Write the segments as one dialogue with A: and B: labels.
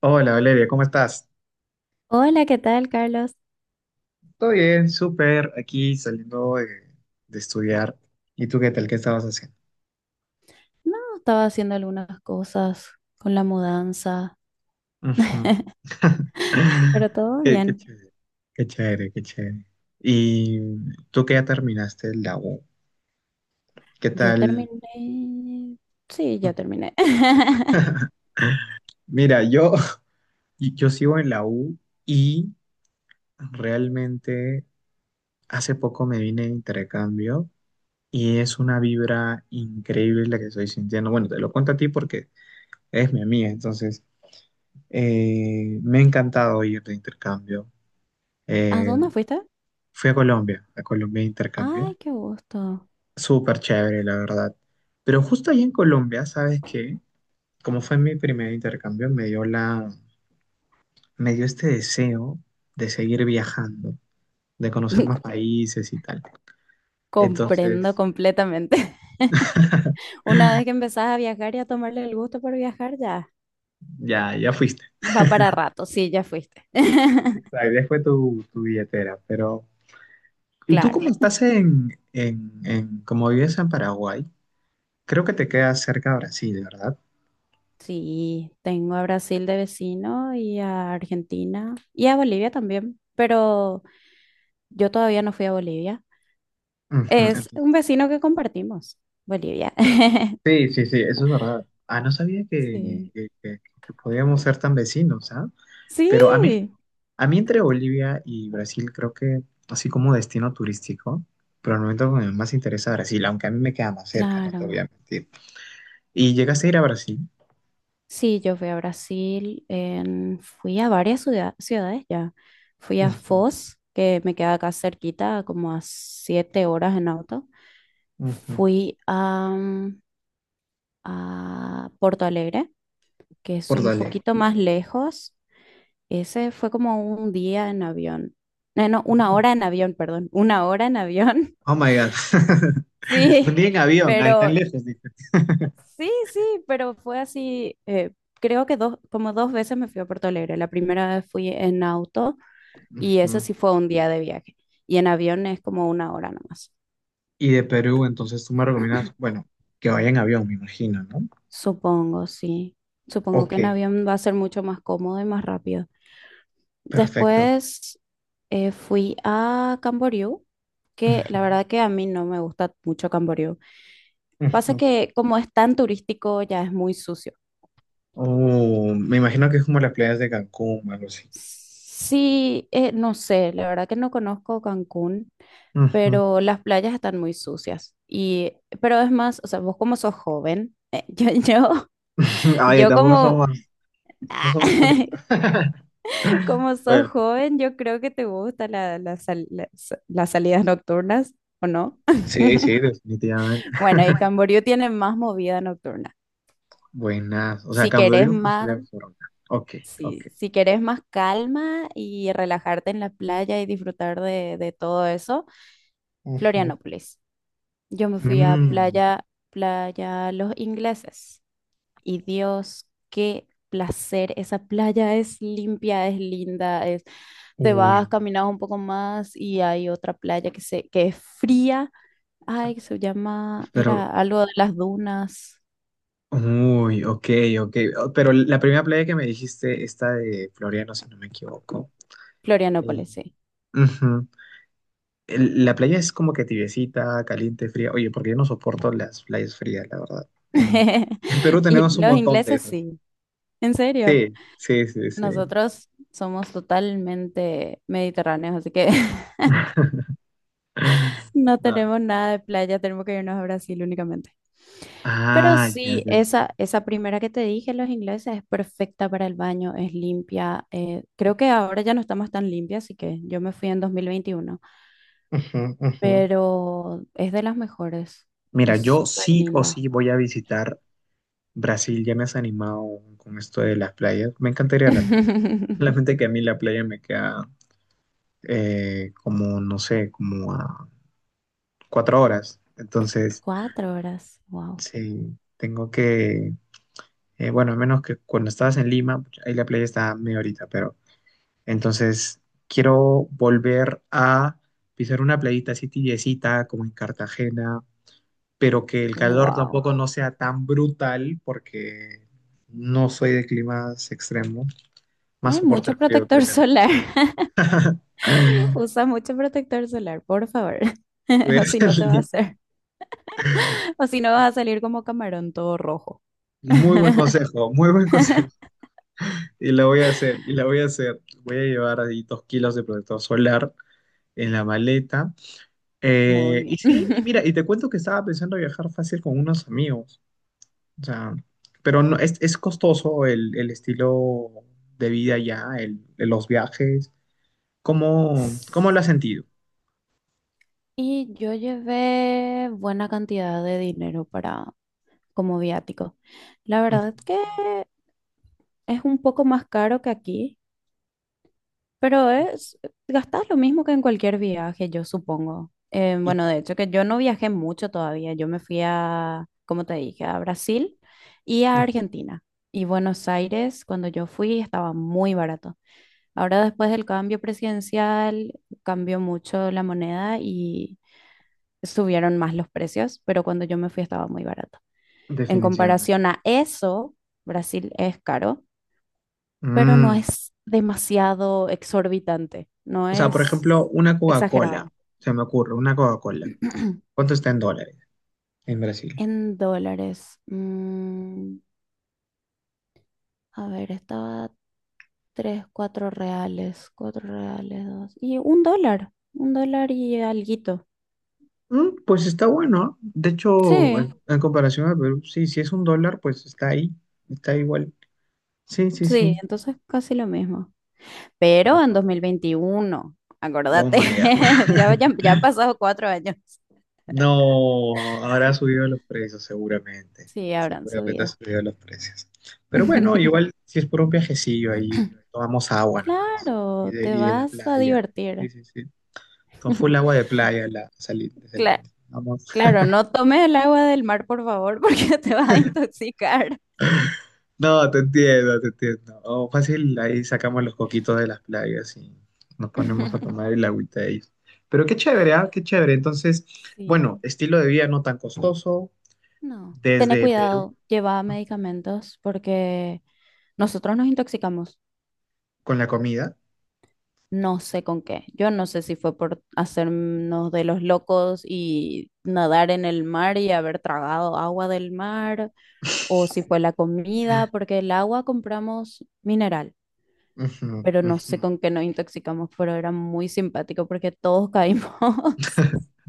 A: Hola, Valeria, ¿cómo estás?
B: Hola, ¿qué tal, Carlos?
A: Todo bien, súper, aquí saliendo de estudiar. ¿Y tú qué tal? ¿Qué estabas haciendo?
B: No, estaba haciendo algunas cosas con la mudanza,
A: Ujú.
B: pero todo
A: Qué
B: bien.
A: chévere, qué chévere, qué chévere. ¿Y tú que ya terminaste la U? ¿Qué
B: Yo
A: tal?
B: terminé. Sí, ya terminé.
A: Mira, yo, yo sigo en la U y realmente hace poco me vine de intercambio y es una vibra increíble la que estoy sintiendo. Bueno, te lo cuento a ti porque eres mi amiga, entonces. Me ha encantado ir de intercambio.
B: ¿A
A: Eh,
B: dónde fuiste?
A: Fui a Colombia de intercambio.
B: Ay, qué gusto.
A: Súper chévere, la verdad. Pero justo ahí en Colombia, ¿sabes qué? Como fue mi primer intercambio, me dio este deseo de seguir viajando, de conocer más países y tal.
B: Comprendo
A: Entonces,
B: completamente. Una vez que empezás a viajar y a tomarle el gusto por viajar, ya
A: ya, ya fuiste.
B: va para rato. Sí, ya fuiste.
A: Exacto, ya fue tu billetera, pero... ¿Y tú
B: Claro.
A: cómo estás como vives en Paraguay? Creo que te quedas cerca de Brasil, ¿verdad?
B: Sí, tengo a Brasil de vecino y a Argentina y a Bolivia también, pero yo todavía no fui a Bolivia.
A: Ujú,
B: Es
A: entonces.
B: un vecino que compartimos, Bolivia.
A: Sí, sí, sí, eso es verdad. Ah, no sabía
B: Sí.
A: que- que- que podíamos ser tan vecinos, ¿ah?
B: Sí,
A: Pero a mí entre Bolivia y Brasil creo que, así como destino turístico, pero al momento me más interesa Brasil, aunque a mí me queda más cerca, no te voy
B: claro.
A: a mentir. ¿Y llegaste a ir a Brasil?
B: Sí, yo fui a Brasil, fui a varias ciudades ya. Fui a
A: Ujú,
B: Foz, que me queda acá cerquita, como a 7 horas en auto.
A: ujú.
B: Fui a Porto Alegre, que es
A: Por
B: un
A: dale.
B: poquito más lejos. Ese fue como un día en avión. No, no, una
A: Ujú.
B: hora en avión, perdón. Una hora en avión.
A: Oh my God. Un
B: Sí,
A: día en avión, ahí tan
B: pero
A: lejos, dice.
B: Sí, sí, pero fue así, creo que dos, como dos veces me fui a Puerto Alegre. La primera vez fui en auto y ese
A: Ujú.
B: sí fue un día de viaje. Y en avión es como una hora nomás.
A: Y de Perú, entonces tú me recomiendas, bueno, que vaya en avión, me imagino, ¿no?
B: Supongo, sí. Supongo que
A: Ok,
B: en avión va a ser mucho más cómodo y más rápido.
A: perfecto.
B: Después fui a Camboriú, que
A: Ujú,
B: la verdad que a mí no me gusta mucho Camboriú. Pasa
A: ujú.
B: que como es tan turístico, ya es muy sucio.
A: Oh, me imagino que es como las playas de Cancún, algo así.
B: Sí, no sé, la verdad que no conozco Cancún.
A: Ujú.
B: Pero las playas están muy sucias. Y, pero es más, o sea, vos como sos joven,
A: Ay,
B: yo
A: tampoco
B: como,
A: somos, no somos tan bien.
B: como sos
A: Bueno,
B: joven, yo creo que te gustan la, la sal- la- sa- las salidas nocturnas, ¿o no?
A: sí, sí, definitivamente.
B: Bueno, y Camboriú tiene más movida nocturna.
A: Buenas. O sea,
B: Si querés
A: Camboriú no
B: más,
A: sería Barcelona. Ok, ok.
B: si, si querés más calma y relajarte en la playa y disfrutar de todo eso,
A: Ujú.
B: Florianópolis. Yo me fui a
A: Mm,
B: playa, playa Los Ingleses. Y Dios, qué placer. Esa playa es limpia, es linda, es... Te
A: uy,
B: vas, caminas un poco más y hay otra playa que es fría. Ay, que se llama,
A: pero,
B: era algo de las dunas.
A: uy, ok, ok. Oh, pero la primera playa que me dijiste, esta de Floriano, si no me equivoco. Eh,
B: Florianópolis, sí.
A: Ujú. La playa es como que tibiecita, caliente, fría. Oye, porque yo no soporto las playas frías, la verdad. En Perú
B: Y
A: tenemos un
B: los
A: montón de
B: ingleses,
A: esas.
B: sí. ¿En serio?
A: Sí, sí, sí, sí.
B: Nosotros somos totalmente mediterráneos, así que no
A: No.
B: tenemos nada de playa, tenemos que irnos a Brasil únicamente. Pero
A: Ah, ya,
B: sí,
A: ya.
B: esa primera que te dije, los ingleses, es perfecta para el baño, es limpia. Creo que ahora ya no estamos tan limpias, así que yo me fui en 2021.
A: Ujú, ujú.
B: Pero es de las mejores,
A: Mira,
B: es
A: yo
B: súper
A: sí o
B: linda.
A: sí voy a visitar Brasil. Ya me has animado con esto de las playas. Me encantaría la playa. Solamente que a mí la playa me queda como, no sé, como a 4 horas. Entonces,
B: 4 horas, wow.
A: sí, tengo que. Bueno, a menos que cuando estabas en Lima, pucha, ahí la playa está medio ahorita, pero entonces quiero volver a pisar una playita así tibiecita como en Cartagena, pero que el calor
B: Wow.
A: tampoco no sea tan brutal porque no soy de climas extremos, más
B: Hay
A: soporto el
B: mucho
A: frío que el
B: protector
A: calor.
B: solar. Usa mucho protector solar, por favor.
A: Voy a
B: O si no
A: hacer
B: te va a
A: li-
B: hacer. O si no, vas a salir como camarón todo rojo.
A: Muy buen consejo, muy buen consejo. Y la voy a hacer, y la voy a hacer. Voy a llevar ahí 2 kilos de protector solar en la maleta.
B: Muy
A: Y sí, y
B: bien.
A: mira, y te cuento que estaba pensando viajar fácil con unos amigos, o sea, pero no, es, costoso el estilo de vida ya, los viajes, ¿cómo lo has sentido?
B: Y yo llevé buena cantidad de dinero para como viático. La
A: Ujú.
B: verdad que es un poco más caro que aquí, pero es gastas lo mismo que en cualquier viaje, yo supongo.
A: Y-
B: Bueno, de hecho que yo no viajé mucho todavía. Yo me fui a, como te dije, a Brasil y a
A: Ujú,
B: Argentina. Y Buenos Aires, cuando yo fui, estaba muy barato. Ahora después del cambio presidencial cambió mucho la moneda y subieron más los precios, pero cuando yo me fui estaba muy barato. En
A: definitivamente.
B: comparación a eso, Brasil es caro, pero no
A: Mm,
B: es demasiado exorbitante, no
A: O sea, por
B: es
A: ejemplo, una Coca-Cola,
B: exagerado.
A: se me ocurre, una Coca-Cola, ¿cuánto está en dólares en Brasil?
B: En dólares, a ver, estaba tres, cuatro reales, dos, y $1, $1 y alguito.
A: Pues está bueno, ¿eh? De hecho,
B: Sí,
A: en comparación a Perú, sí, si es $1, pues está ahí, está igual, sí, sí,
B: sí,
A: sí.
B: entonces casi lo mismo. Pero en 2021,
A: Oh
B: acordate,
A: my
B: ya,
A: God.
B: ya, ya han pasado 4 años.
A: No, habrá subido los precios seguramente.
B: Sí, habrán
A: Seguramente ha
B: subido.
A: subido los precios. Pero bueno, igual si es por un viajecillo ahí, tomamos agua nomás. Y
B: Claro,
A: de,
B: te
A: y de la
B: vas a
A: playa. Sí,
B: divertir.
A: sí, sí. Con full agua de playa de
B: Cla-
A: Salinas. Vamos.
B: claro, no tomes el agua del mar, por favor, porque te vas a intoxicar.
A: No, te entiendo, te entiendo. Oh, fácil, ahí sacamos los coquitos de las playas y nos ponemos a tomar el agüita de ellos. Pero qué chévere, ¿ah? Qué chévere. Entonces, bueno,
B: Sí,
A: estilo de vida no tan costoso.
B: no. Tené
A: Desde Perú
B: cuidado, lleva medicamentos porque nosotros nos intoxicamos.
A: con la comida.
B: No sé con qué. Yo no sé si fue por hacernos de los locos y nadar en el mar y haber tragado agua del mar, o si fue la comida, porque el agua compramos mineral,
A: Ujú,
B: pero no
A: ujú.
B: sé con qué nos intoxicamos, pero era muy simpático porque todos caímos.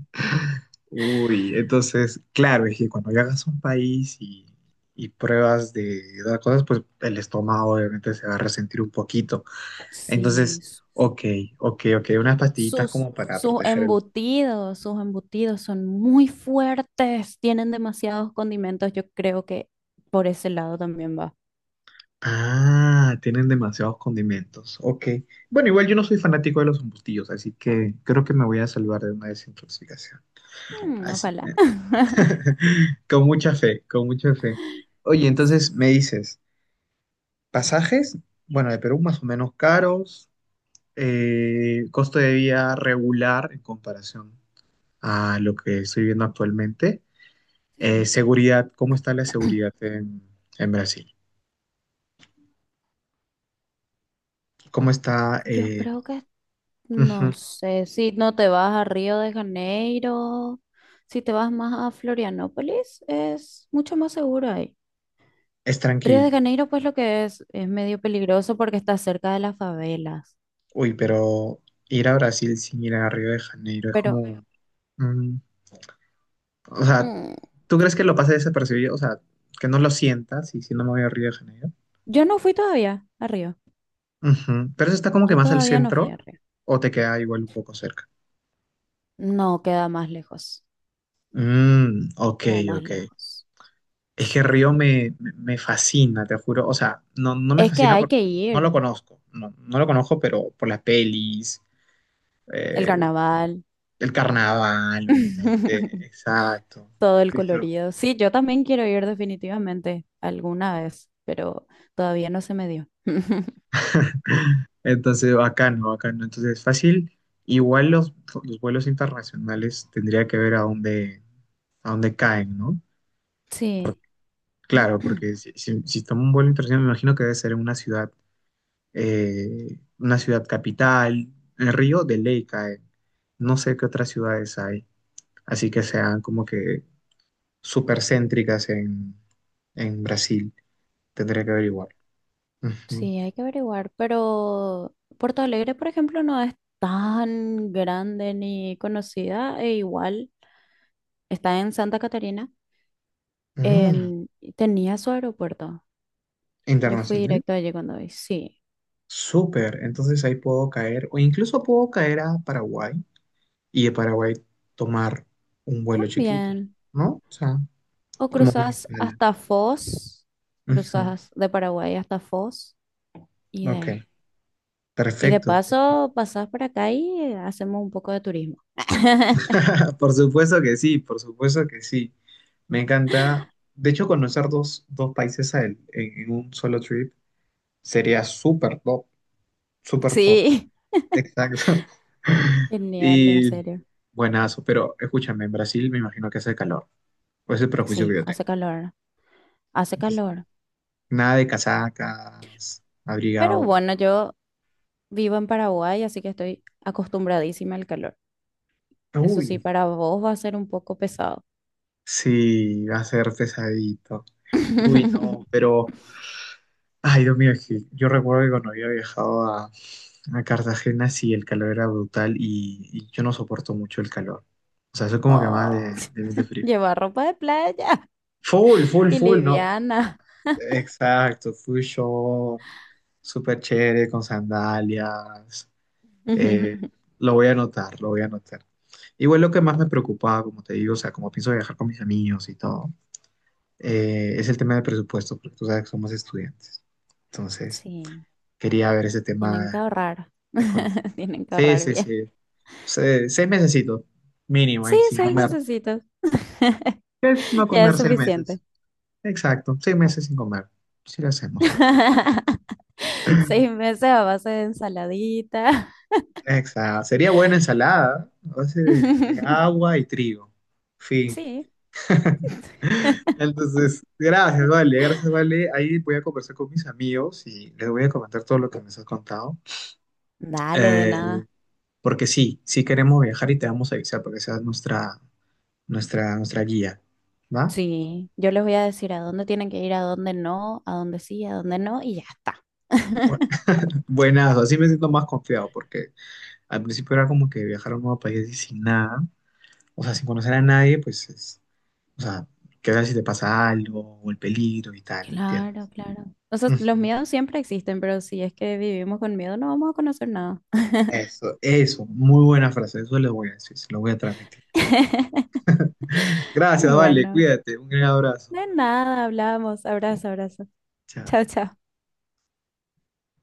A: Uy, entonces, claro, es que cuando viajas a un país y pruebas de dar cosas, pues el estómago obviamente se va a resentir un poquito.
B: Sí,
A: Entonces,
B: s-
A: ok, ok, ok, unas pastillitas
B: sus,
A: como para
B: sus
A: proteger el...
B: embutidos sus embutidos son muy fuertes, tienen demasiados condimentos. Yo creo que por ese lado también va.
A: Ah, tienen demasiados condimentos, ok. Bueno, igual yo no soy fanático de los embutidos, así que creo que me voy a salvar de una desintoxicación.
B: Mm,
A: Así,
B: ojalá.
A: con mucha fe, con mucha fe. Oye, entonces me dices... Pasajes, bueno, de Perú más o menos caros, costo de vida regular en comparación a lo que estoy viendo actualmente.
B: Sí.
A: Seguridad, ¿cómo está la seguridad en Brasil? ¿Cómo está?
B: Yo creo que
A: Ujú,
B: no sé si no te vas a Río de Janeiro, si te vas más a Florianópolis, es mucho más seguro ahí.
A: es
B: Río de
A: tranquilo.
B: Janeiro, pues lo que es medio peligroso porque está cerca de las favelas.
A: Uy, pero ir a Brasil sin ir a Río de Janeiro es
B: Pero
A: como... mm, o sea,
B: mm,
A: ¿tú crees que lo pase desapercibido? O sea, que no lo sientas y si no me voy a Río de Janeiro.
B: yo no fui todavía a Río.
A: Ujú, pero eso está como que
B: Yo
A: más al
B: todavía no fui
A: centro
B: a Río.
A: o te queda igual un poco cerca.
B: No, queda más lejos.
A: Mm, ok,
B: Queda más
A: ok.
B: lejos.
A: Es que
B: Sí.
A: Río me fascina, te juro. O sea, no, no me
B: Es que
A: fascina
B: hay
A: porque
B: que
A: no
B: ir.
A: lo conozco. No, no lo conozco, pero por las pelis,
B: El
A: eh,
B: carnaval.
A: el carnaval, obviamente. Exacto.
B: Todo el
A: Cristo.
B: colorido. Sí, yo también quiero ir definitivamente alguna vez, pero todavía no se me dio.
A: Entonces, bacano, bacano. Entonces, fácil. Igual los vuelos internacionales tendría que ver a dónde, caen, ¿no?
B: Sí,
A: Claro, porque si tomo un vuelo internacional, me imagino que debe ser en una ciudad. Una ciudad capital, el Río de Ley cae. No sé qué otras ciudades hay, así que sean como que súper céntricas en Brasil. Tendré que averiguar. Ujú.
B: sí, hay que averiguar, pero Porto Alegre, por ejemplo, no es tan grande ni conocida, e igual está en Santa Catarina,
A: Mm,
B: en... y tenía su aeropuerto. Yo fui
A: Internacional.
B: directo allí cuando vi. Sí,
A: Súper. Entonces ahí puedo caer, o incluso puedo caer a Paraguay y de Paraguay tomar un vuelo chiquito,
B: también.
A: ¿no? O sea,
B: O
A: como una
B: cruzas
A: escala.
B: hasta Foz,
A: Ujú.
B: cruzas de Paraguay hasta Foz y de
A: Ok,
B: ahí. Y de
A: perfecto.
B: paso, pasás por acá y hacemos un poco de turismo.
A: Por supuesto que sí, por supuesto que sí. Me encanta. De hecho, conocer dos países en un solo trip sería súper top, súper top.
B: Sí.
A: Exacto.
B: Genial, en
A: Y
B: serio.
A: buenazo, pero escúchame, en Brasil me imagino que hace calor. Pues es el prejuicio que
B: Sí,
A: yo
B: hace
A: tengo.
B: calor, hace
A: Entonces,
B: calor.
A: nada de casacas,
B: Pero
A: abrigado.
B: bueno, yo vivo en Paraguay, así que estoy acostumbradísima al calor. Eso sí,
A: Uy,
B: para vos va a ser un poco pesado.
A: sí, va a ser pesadito. Uy, no, pero Ay, Dios mío, es que yo recuerdo que cuando había viajado a Cartagena, sí, el calor era brutal y yo no soporto mucho el calor. O sea, soy como que
B: Oh,
A: más de frío.
B: llevar ropa de playa
A: Full, full,
B: y
A: full, no.
B: liviana.
A: Exacto, full short, súper chévere, con sandalias. Eh, lo voy a anotar, lo voy a anotar. Igual lo que más me preocupaba, como te digo, o sea, como pienso viajar con mis amigos y todo, es el tema del presupuesto, porque tú sabes que somos estudiantes. Entonces,
B: Sí,
A: quería ver ese
B: tienen que
A: tema
B: ahorrar.
A: económico.
B: Tienen que
A: Sí,
B: ahorrar
A: sí,
B: bien.
A: sí. 6 mesecitos, mínimo,
B: Sí,
A: ahí, sin
B: seis
A: comer.
B: mesecitos.
A: Es no
B: Ya
A: comer
B: es
A: seis
B: suficiente.
A: meses. Exacto, 6 meses sin comer. Sí lo hacemos.
B: 6 meses a base de ensaladita.
A: Exacto. Sería buena ensalada, a base de agua y trigo. Fin.
B: Sí.
A: Entonces, gracias, Vale, gracias, Vale. Ahí voy a conversar con mis amigos y les voy a comentar todo lo que me has contado.
B: Dale, de
A: Eh,
B: nada.
A: Porque sí, sí queremos viajar y te vamos a avisar para que seas nuestra, nuestra guía. ¿Va?
B: Sí, yo les voy a decir a dónde tienen que ir, a dónde no, a dónde sí, a dónde no, y ya está.
A: Buenas, así me siento más confiado porque al principio era como que viajar a un nuevo país y sin nada, o sea, sin conocer a nadie, pues es, o sea, qué tal si te pasa algo o el peligro y tal, ¿me entiendes?
B: Claro, claro. O sea, los
A: Ujú.
B: miedos siempre existen, pero si es que vivimos con miedo, no vamos a conocer nada.
A: Eso, muy buena frase, eso le voy a decir, se lo voy a transmitir.
B: Y
A: Gracias, vale,
B: bueno,
A: cuídate, un gran abrazo.
B: de nada, hablamos. Abrazo, abrazo. Chao,
A: Chao.
B: chao.